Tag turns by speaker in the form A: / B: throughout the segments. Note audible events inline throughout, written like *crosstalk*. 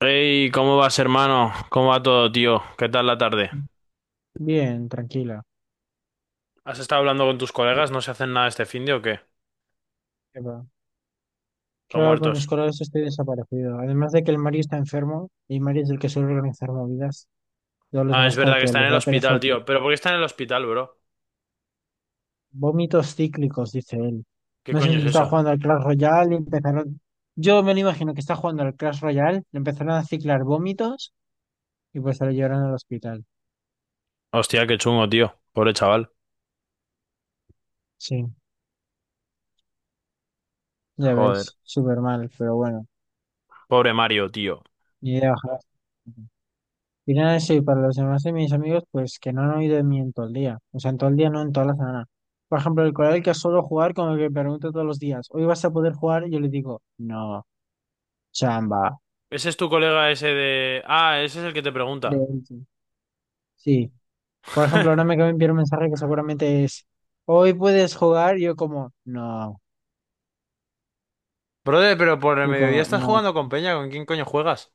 A: Hey, ¿cómo vas, hermano? ¿Cómo va todo, tío? ¿Qué tal la tarde?
B: Bien, tranquila.
A: ¿Has estado hablando con tus colegas? ¿No se hacen nada este finde o qué?
B: ¿Qué va? ¿Qué
A: ¿Todos
B: va? Con mis
A: muertos?
B: colores estoy desaparecido. Además de que el Mario está enfermo y Mario es el que suele organizar movidas, todos los
A: Ah, es
B: demás como
A: verdad que
B: que
A: está en
B: les
A: el
B: da pereza.
A: hospital, tío. ¿Pero por qué está en el hospital, bro?
B: Vómitos cíclicos, dice él.
A: ¿Qué
B: No sé
A: coño
B: si
A: es
B: está
A: eso?
B: jugando al Clash Royale y empezaron... Yo me lo imagino que está jugando al Clash Royale, le empezaron a ciclar vómitos y pues se lo llevaron al hospital.
A: Hostia, qué chungo, tío. Pobre chaval.
B: Sí, ya
A: Joder.
B: ves, súper mal, pero bueno,
A: Pobre Mario, tío.
B: ni idea, ojalá. Y nada, sí, para los demás de mis amigos, pues que no han oído de mí en todo el día. O sea, en todo el día, no en toda la semana. Por ejemplo, el colega que suelo jugar, como que me pregunta todos los días, ¿hoy vas a poder jugar? Y yo le digo, no, chamba.
A: ¿Ese es tu colega ese de... Ah, ese es el que te
B: De
A: pregunta.
B: hecho, sí. Por ejemplo, ahora me acaba de
A: *laughs*
B: enviar un mensaje que seguramente es, ¿hoy puedes jugar? Y yo como, no.
A: Brother, pero por el
B: Yo
A: mediodía
B: como,
A: estás
B: no.
A: jugando con Peña. ¿Con quién coño juegas?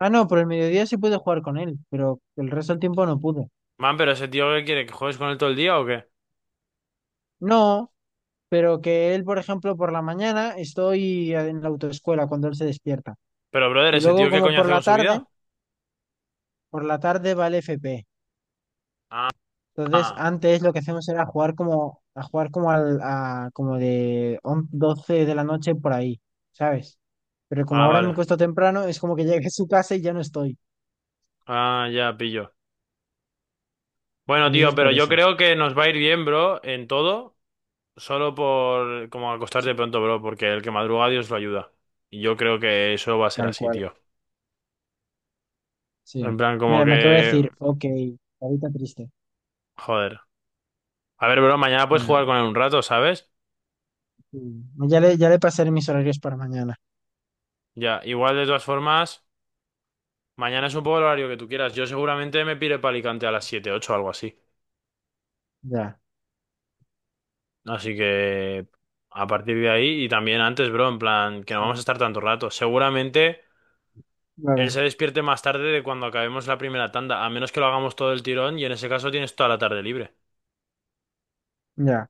B: Ah, no, por el mediodía sí pude jugar con él, pero el resto del tiempo no pude.
A: Man, pero ese tío, ¿qué quiere? ¿Que juegues con él todo el día o qué?
B: No, pero que él, por ejemplo, por la mañana estoy en la autoescuela cuando él se despierta.
A: Pero, brother,
B: Y
A: ¿ese
B: luego
A: tío qué
B: como
A: coño hace con su vida?
B: por la tarde va el FP.
A: Ah,
B: Entonces
A: ah,
B: antes lo que hacemos era jugar como, a jugar como al, a, como de on- 12 de la noche por ahí, ¿sabes? Pero como
A: ah,
B: ahora me
A: vale.
B: cuesta temprano, es como que *laughs* llegué a su casa y ya no estoy.
A: Ah, ya pillo. Bueno,
B: Entonces es
A: tío, pero
B: por
A: yo
B: eso.
A: creo que nos va a ir bien, bro, en todo, solo por como acostarte
B: Sí,
A: pronto, bro, porque el que madruga Dios lo ayuda. Y yo creo que eso va a ser
B: tal
A: así,
B: cual.
A: tío.
B: Sí.
A: En plan, como
B: Mira, me acabo de
A: que...
B: decir, ok, ahorita triste.
A: Joder. A ver, bro, mañana puedes jugar
B: Bueno,
A: con él un rato, ¿sabes?
B: sí. Ya le pasaré mis horarios para mañana.
A: Ya, igual de todas formas, mañana es un poco el horario que tú quieras. Yo seguramente me pire para Alicante a las 7, 8, algo así.
B: Ya.
A: Así que... A partir de ahí y también antes, bro, en plan, que no vamos a
B: Sí.
A: estar tanto rato. Seguramente... Él
B: Claro.
A: se despierte más tarde de cuando acabemos la primera tanda, a menos que lo hagamos todo el tirón y en ese caso tienes toda la tarde libre.
B: Ya.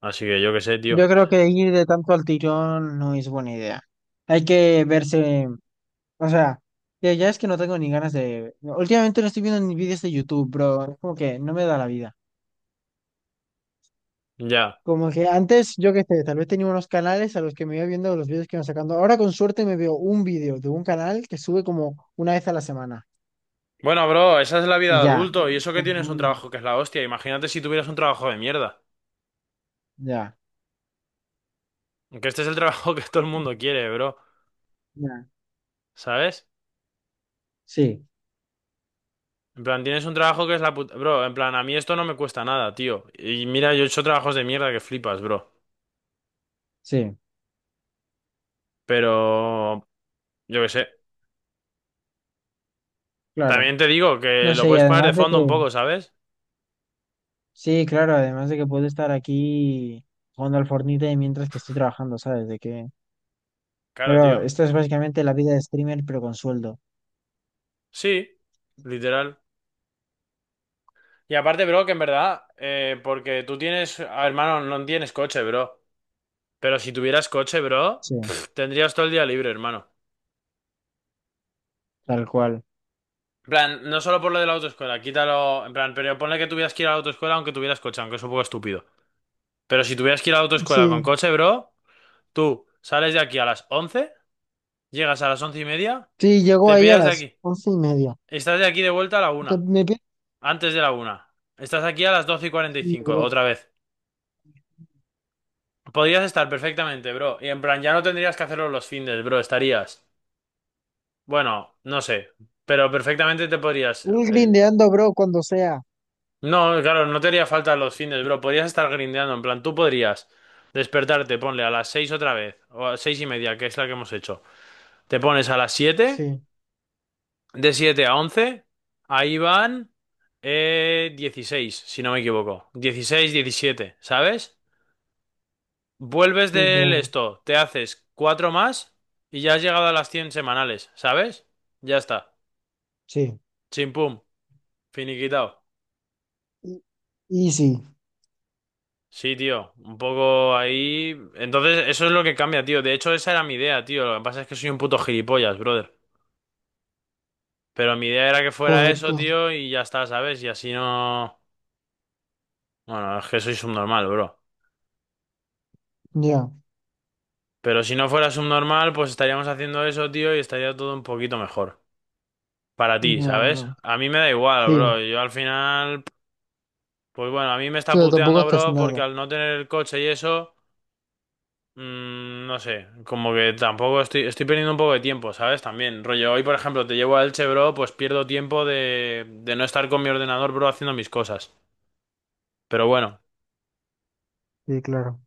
A: Así que yo qué sé, tío.
B: Yo creo que ir de tanto al tirón no es buena idea. Hay que verse, o sea, ya es que no tengo ni ganas de... Últimamente no estoy viendo ni vídeos de YouTube, bro. Es como que no me da la vida.
A: Ya.
B: Como que antes, yo qué sé, tal vez tenía unos canales a los que me iba viendo los vídeos que iban sacando. Ahora con suerte me veo un vídeo de un canal que sube como una vez a la semana.
A: Bueno, bro, esa es la vida
B: Y
A: de
B: ya.
A: adulto y eso que tienes un
B: Ujú.
A: trabajo que es la hostia. Imagínate si tuvieras un trabajo de mierda.
B: Ya.
A: Que este es el trabajo *laughs* que todo el mundo quiere, bro.
B: Ya.
A: ¿Sabes?
B: Sí,
A: En plan, tienes un trabajo que es la puta... Bro, en plan, a mí esto no me cuesta nada, tío. Y mira, yo he hecho trabajos de mierda que flipas, bro.
B: sí,
A: Pero... Yo qué sé.
B: claro.
A: También te digo que
B: No
A: lo
B: sé, y
A: puedes poner de
B: además de que...
A: fondo un poco, ¿sabes?
B: Sí, claro, además de que puedo estar aquí jugando al Fortnite mientras que estoy trabajando, ¿sabes? De que...
A: Claro,
B: Pero
A: tío.
B: esto es básicamente la vida de streamer, pero con sueldo.
A: Sí, literal. Y aparte, bro, que en verdad, porque tú tienes, hermano, no tienes coche, bro. Pero si tuvieras coche, bro,
B: Sí,
A: tendrías todo el día libre, hermano.
B: tal cual.
A: En plan, no solo por lo de la autoescuela, quítalo, en plan, pero ponle que tuvieras que ir a la autoescuela aunque tuvieras coche, aunque es un poco estúpido. Pero si tuvieras que ir a la autoescuela con
B: Sí,
A: coche, bro, tú sales de aquí a las 11, llegas a las 11:30,
B: sí, llegó
A: te
B: ahí a
A: piras de
B: las
A: aquí.
B: once y media.
A: Estás de aquí de vuelta a la
B: Te-
A: una,
B: me pi-
A: antes de la 1. Estás aquí a las doce y cuarenta y
B: sí,
A: cinco,
B: bro.
A: otra vez. Podrías estar perfectamente, bro. Y en plan, ya no tendrías que hacerlo los fines, bro. Estarías. Bueno, no sé. Pero perfectamente te podrías.
B: Un grindeando, bro, cuando sea.
A: No, claro, no te haría falta los fines, bro. Podrías estar grindeando. En plan, tú podrías despertarte, ponle a las 6 otra vez. O a 6:30, que es la que hemos hecho. Te pones a las 7.
B: Sí,
A: De 7 a 11. Ahí van. 16, si no me equivoco. 16, 17, ¿sabes? Vuelves
B: sí,
A: del
B: claro.
A: esto, te haces cuatro más y ya has llegado a las 100 semanales, ¿sabes? Ya está.
B: Sí,
A: Chimpum, finiquitado.
B: Y- easy.
A: Sí, tío, un poco ahí. Entonces, eso es lo que cambia, tío. De hecho, esa era mi idea, tío. Lo que pasa es que soy un puto gilipollas, brother. Pero mi idea era que fuera
B: Joder,
A: eso,
B: pues,
A: tío, y ya está, ¿sabes? Y así no. Bueno, es que soy subnormal, bro.
B: ya,
A: Pero si no fuera subnormal, pues estaríamos haciendo eso, tío, y estaría todo un poquito mejor. Para ti,
B: ya,
A: ¿sabes?
B: bro.
A: A mí me da igual,
B: Sí,
A: bro. Yo al final. Pues bueno, a mí me está
B: pero tampoco
A: puteando,
B: estás
A: bro,
B: nada.
A: porque al no tener el coche y eso, no sé, como que tampoco estoy, perdiendo un poco de tiempo, ¿sabes? También, rollo, hoy por ejemplo te llevo a Elche, bro, pues pierdo tiempo de no estar con mi ordenador, bro, haciendo mis cosas. Pero bueno,
B: Sí, claro.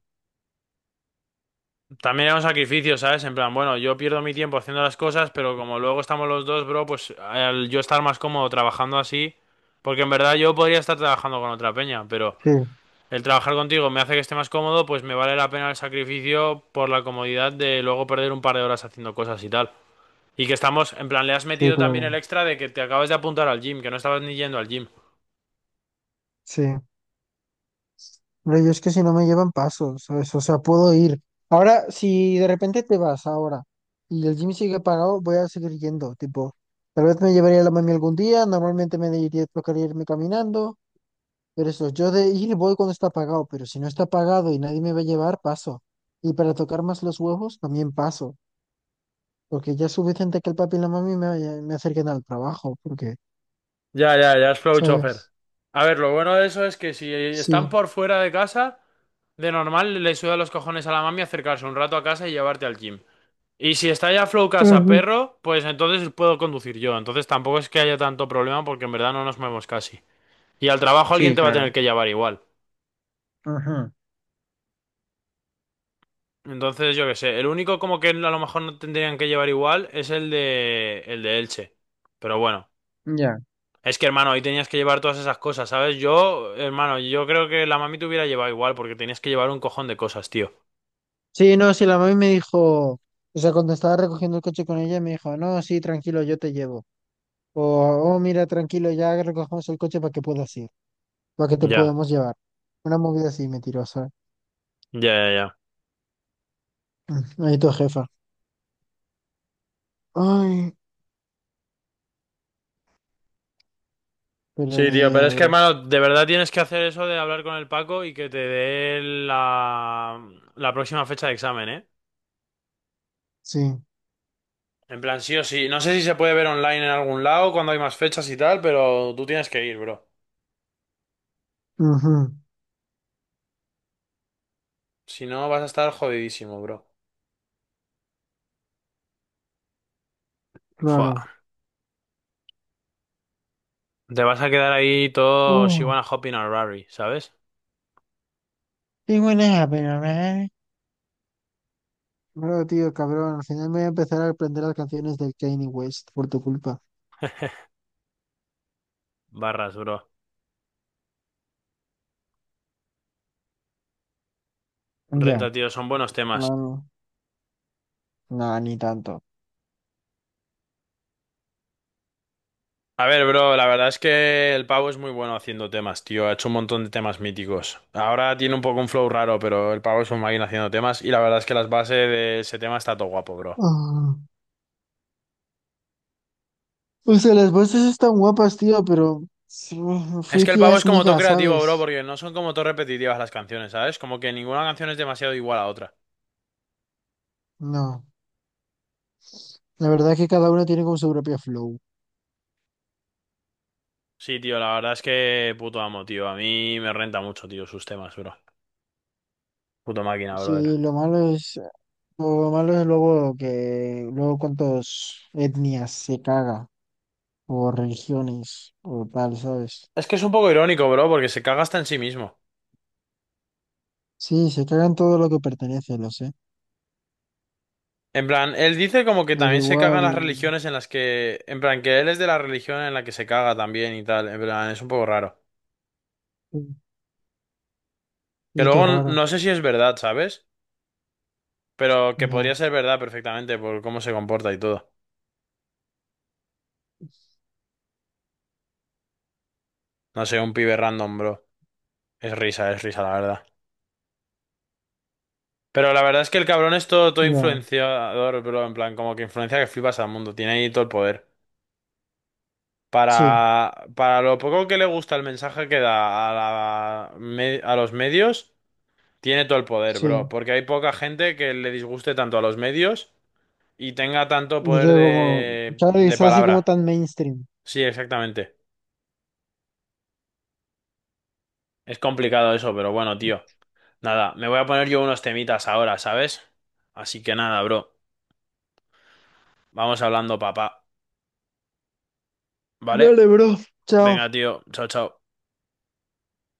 A: también es un sacrificio, ¿sabes? En plan, bueno, yo pierdo mi tiempo haciendo las cosas, pero como luego estamos los dos, bro, pues al yo estar más cómodo trabajando así, porque en verdad yo podría estar trabajando con otra peña, pero...
B: Sí,
A: El trabajar contigo me hace que esté más cómodo, pues me vale la pena el sacrificio por la comodidad de luego perder un par de horas haciendo cosas y tal. Y que estamos, en plan, le has
B: sí,
A: metido también
B: claro.
A: el extra de que te acabas de apuntar al gym, que no estabas ni yendo al gym.
B: Sí. Pero yo es que si no me llevan pasos, ¿sabes? O sea, puedo ir. Ahora, si de repente te vas ahora y el gym sigue pagado, voy a seguir yendo. Tipo, tal vez me llevaría la mami algún día, normalmente me diría, tocaría irme caminando, pero eso, yo de ir voy cuando está pagado, pero si no está pagado y nadie me va a llevar, paso. Y para tocar más los huevos, también paso, porque ya es suficiente que el papi y la mami me, me acerquen al trabajo, porque,
A: Ya, ya, ya es flow chofer.
B: ¿sabes?
A: A ver, lo bueno de eso es que si están
B: Sí.
A: por fuera de casa, de normal le suda los cojones a la mami acercarse un rato a casa y llevarte al gym. Y si está ya flow casa
B: Ujú.
A: perro, pues entonces puedo conducir yo. Entonces tampoco es que haya tanto problema porque en verdad no nos movemos casi. Y al trabajo
B: Sí,
A: alguien te va a tener
B: claro.
A: que llevar igual.
B: Ajá.
A: Entonces, yo qué sé, el único como que a lo mejor no tendrían que llevar igual es el de Elche. Pero bueno,
B: Ya.
A: es que hermano, ahí tenías que llevar todas esas cosas, ¿sabes? Yo, hermano, yo creo que la mami te hubiera llevado igual porque tenías que llevar un cojón de cosas, tío.
B: Sí, no, sí, la mami me dijo, o sea, cuando estaba recogiendo el coche con ella, me dijo, no, sí, tranquilo, yo te llevo. O, oh, mira, tranquilo, ya recogemos el coche para que puedas ir, para que te
A: Ya,
B: podamos llevar. Una movida así mentirosa.
A: ya, ya, ya.
B: Mm, ahí tu jefa. Ay, pero
A: Sí,
B: ni
A: tío, pero
B: idea,
A: es que
B: bro.
A: hermano, de verdad tienes que hacer eso de hablar con el Paco y que te dé la próxima fecha de examen, ¿eh?
B: Sí,
A: En plan, sí o sí. No sé si se puede ver online en algún lado cuando hay más fechas y tal, pero tú tienes que ir, bro.
B: ujú,
A: Si no, vas a estar jodidísimo, bro. Fua,
B: claro.
A: te vas a quedar ahí todo She
B: Uh,
A: Wanna Hop in a Rari, ¿sabes?
B: qué buena, pero, ¿eh? Bro, tío, cabrón, al final me voy a empezar a aprender las canciones del Kanye West por tu culpa.
A: Barras, bro.
B: Ya.
A: Renta, tío, son buenos temas.
B: Claro. No, ni tanto.
A: A ver, bro, la verdad es que el pavo es muy bueno haciendo temas, tío. Ha hecho un montón de temas míticos. Ahora tiene un poco un flow raro, pero el pavo es un máquina haciendo temas. Y la verdad es que las bases de ese tema está todo guapo, bro.
B: Ah. O sea, las voces están guapas, tío, pero sí,
A: Es que el
B: friki
A: pavo
B: es
A: es como todo
B: niga,
A: creativo, bro,
B: ¿sabes?
A: porque no son como todo repetitivas las canciones, ¿sabes? Como que ninguna canción es demasiado igual a otra.
B: No, la verdad es que cada una tiene como su propio flow.
A: Sí, tío, la verdad es que puto amo, tío. A mí me renta mucho, tío, sus temas, bro. Puto máquina, brother.
B: Sí, lo malo es luego que luego cuántas etnias se caga, o religiones, o tal, ¿sabes?
A: Es que es un poco irónico, bro, porque se caga hasta en sí mismo.
B: Sí, se cagan todo lo que pertenece, lo sé.
A: En plan, él dice como que
B: Pero
A: también se
B: igual,
A: cagan las religiones en las que... En plan, que él es de la religión en la que se caga también y tal. En plan, es un poco raro.
B: sí, y todo raro,
A: No sé si es verdad, ¿sabes? Pero que
B: ya.
A: podría ser verdad perfectamente por cómo se comporta y todo. No sé, un pibe random, bro. Es risa, la verdad. Pero la verdad es que el cabrón es todo, todo
B: Ya,
A: influenciador, bro. En plan, como que influencia que flipas al mundo. Tiene ahí todo el poder.
B: sí,
A: Para lo poco que le gusta el mensaje que da a, a los medios, tiene todo el poder, bro.
B: sí.
A: Porque hay poca gente que le disguste tanto a los medios y tenga tanto
B: Y
A: poder
B: yo como,
A: de,
B: claro, y
A: de
B: está así como
A: palabra.
B: tan mainstream.
A: Sí, exactamente. Es complicado eso, pero bueno, tío. Nada, me voy a poner yo unos temitas ahora, ¿sabes? Así que nada, bro. Vamos hablando, papá. ¿Vale?
B: Dale, bro. Chao.
A: Venga, tío. Chao, chao.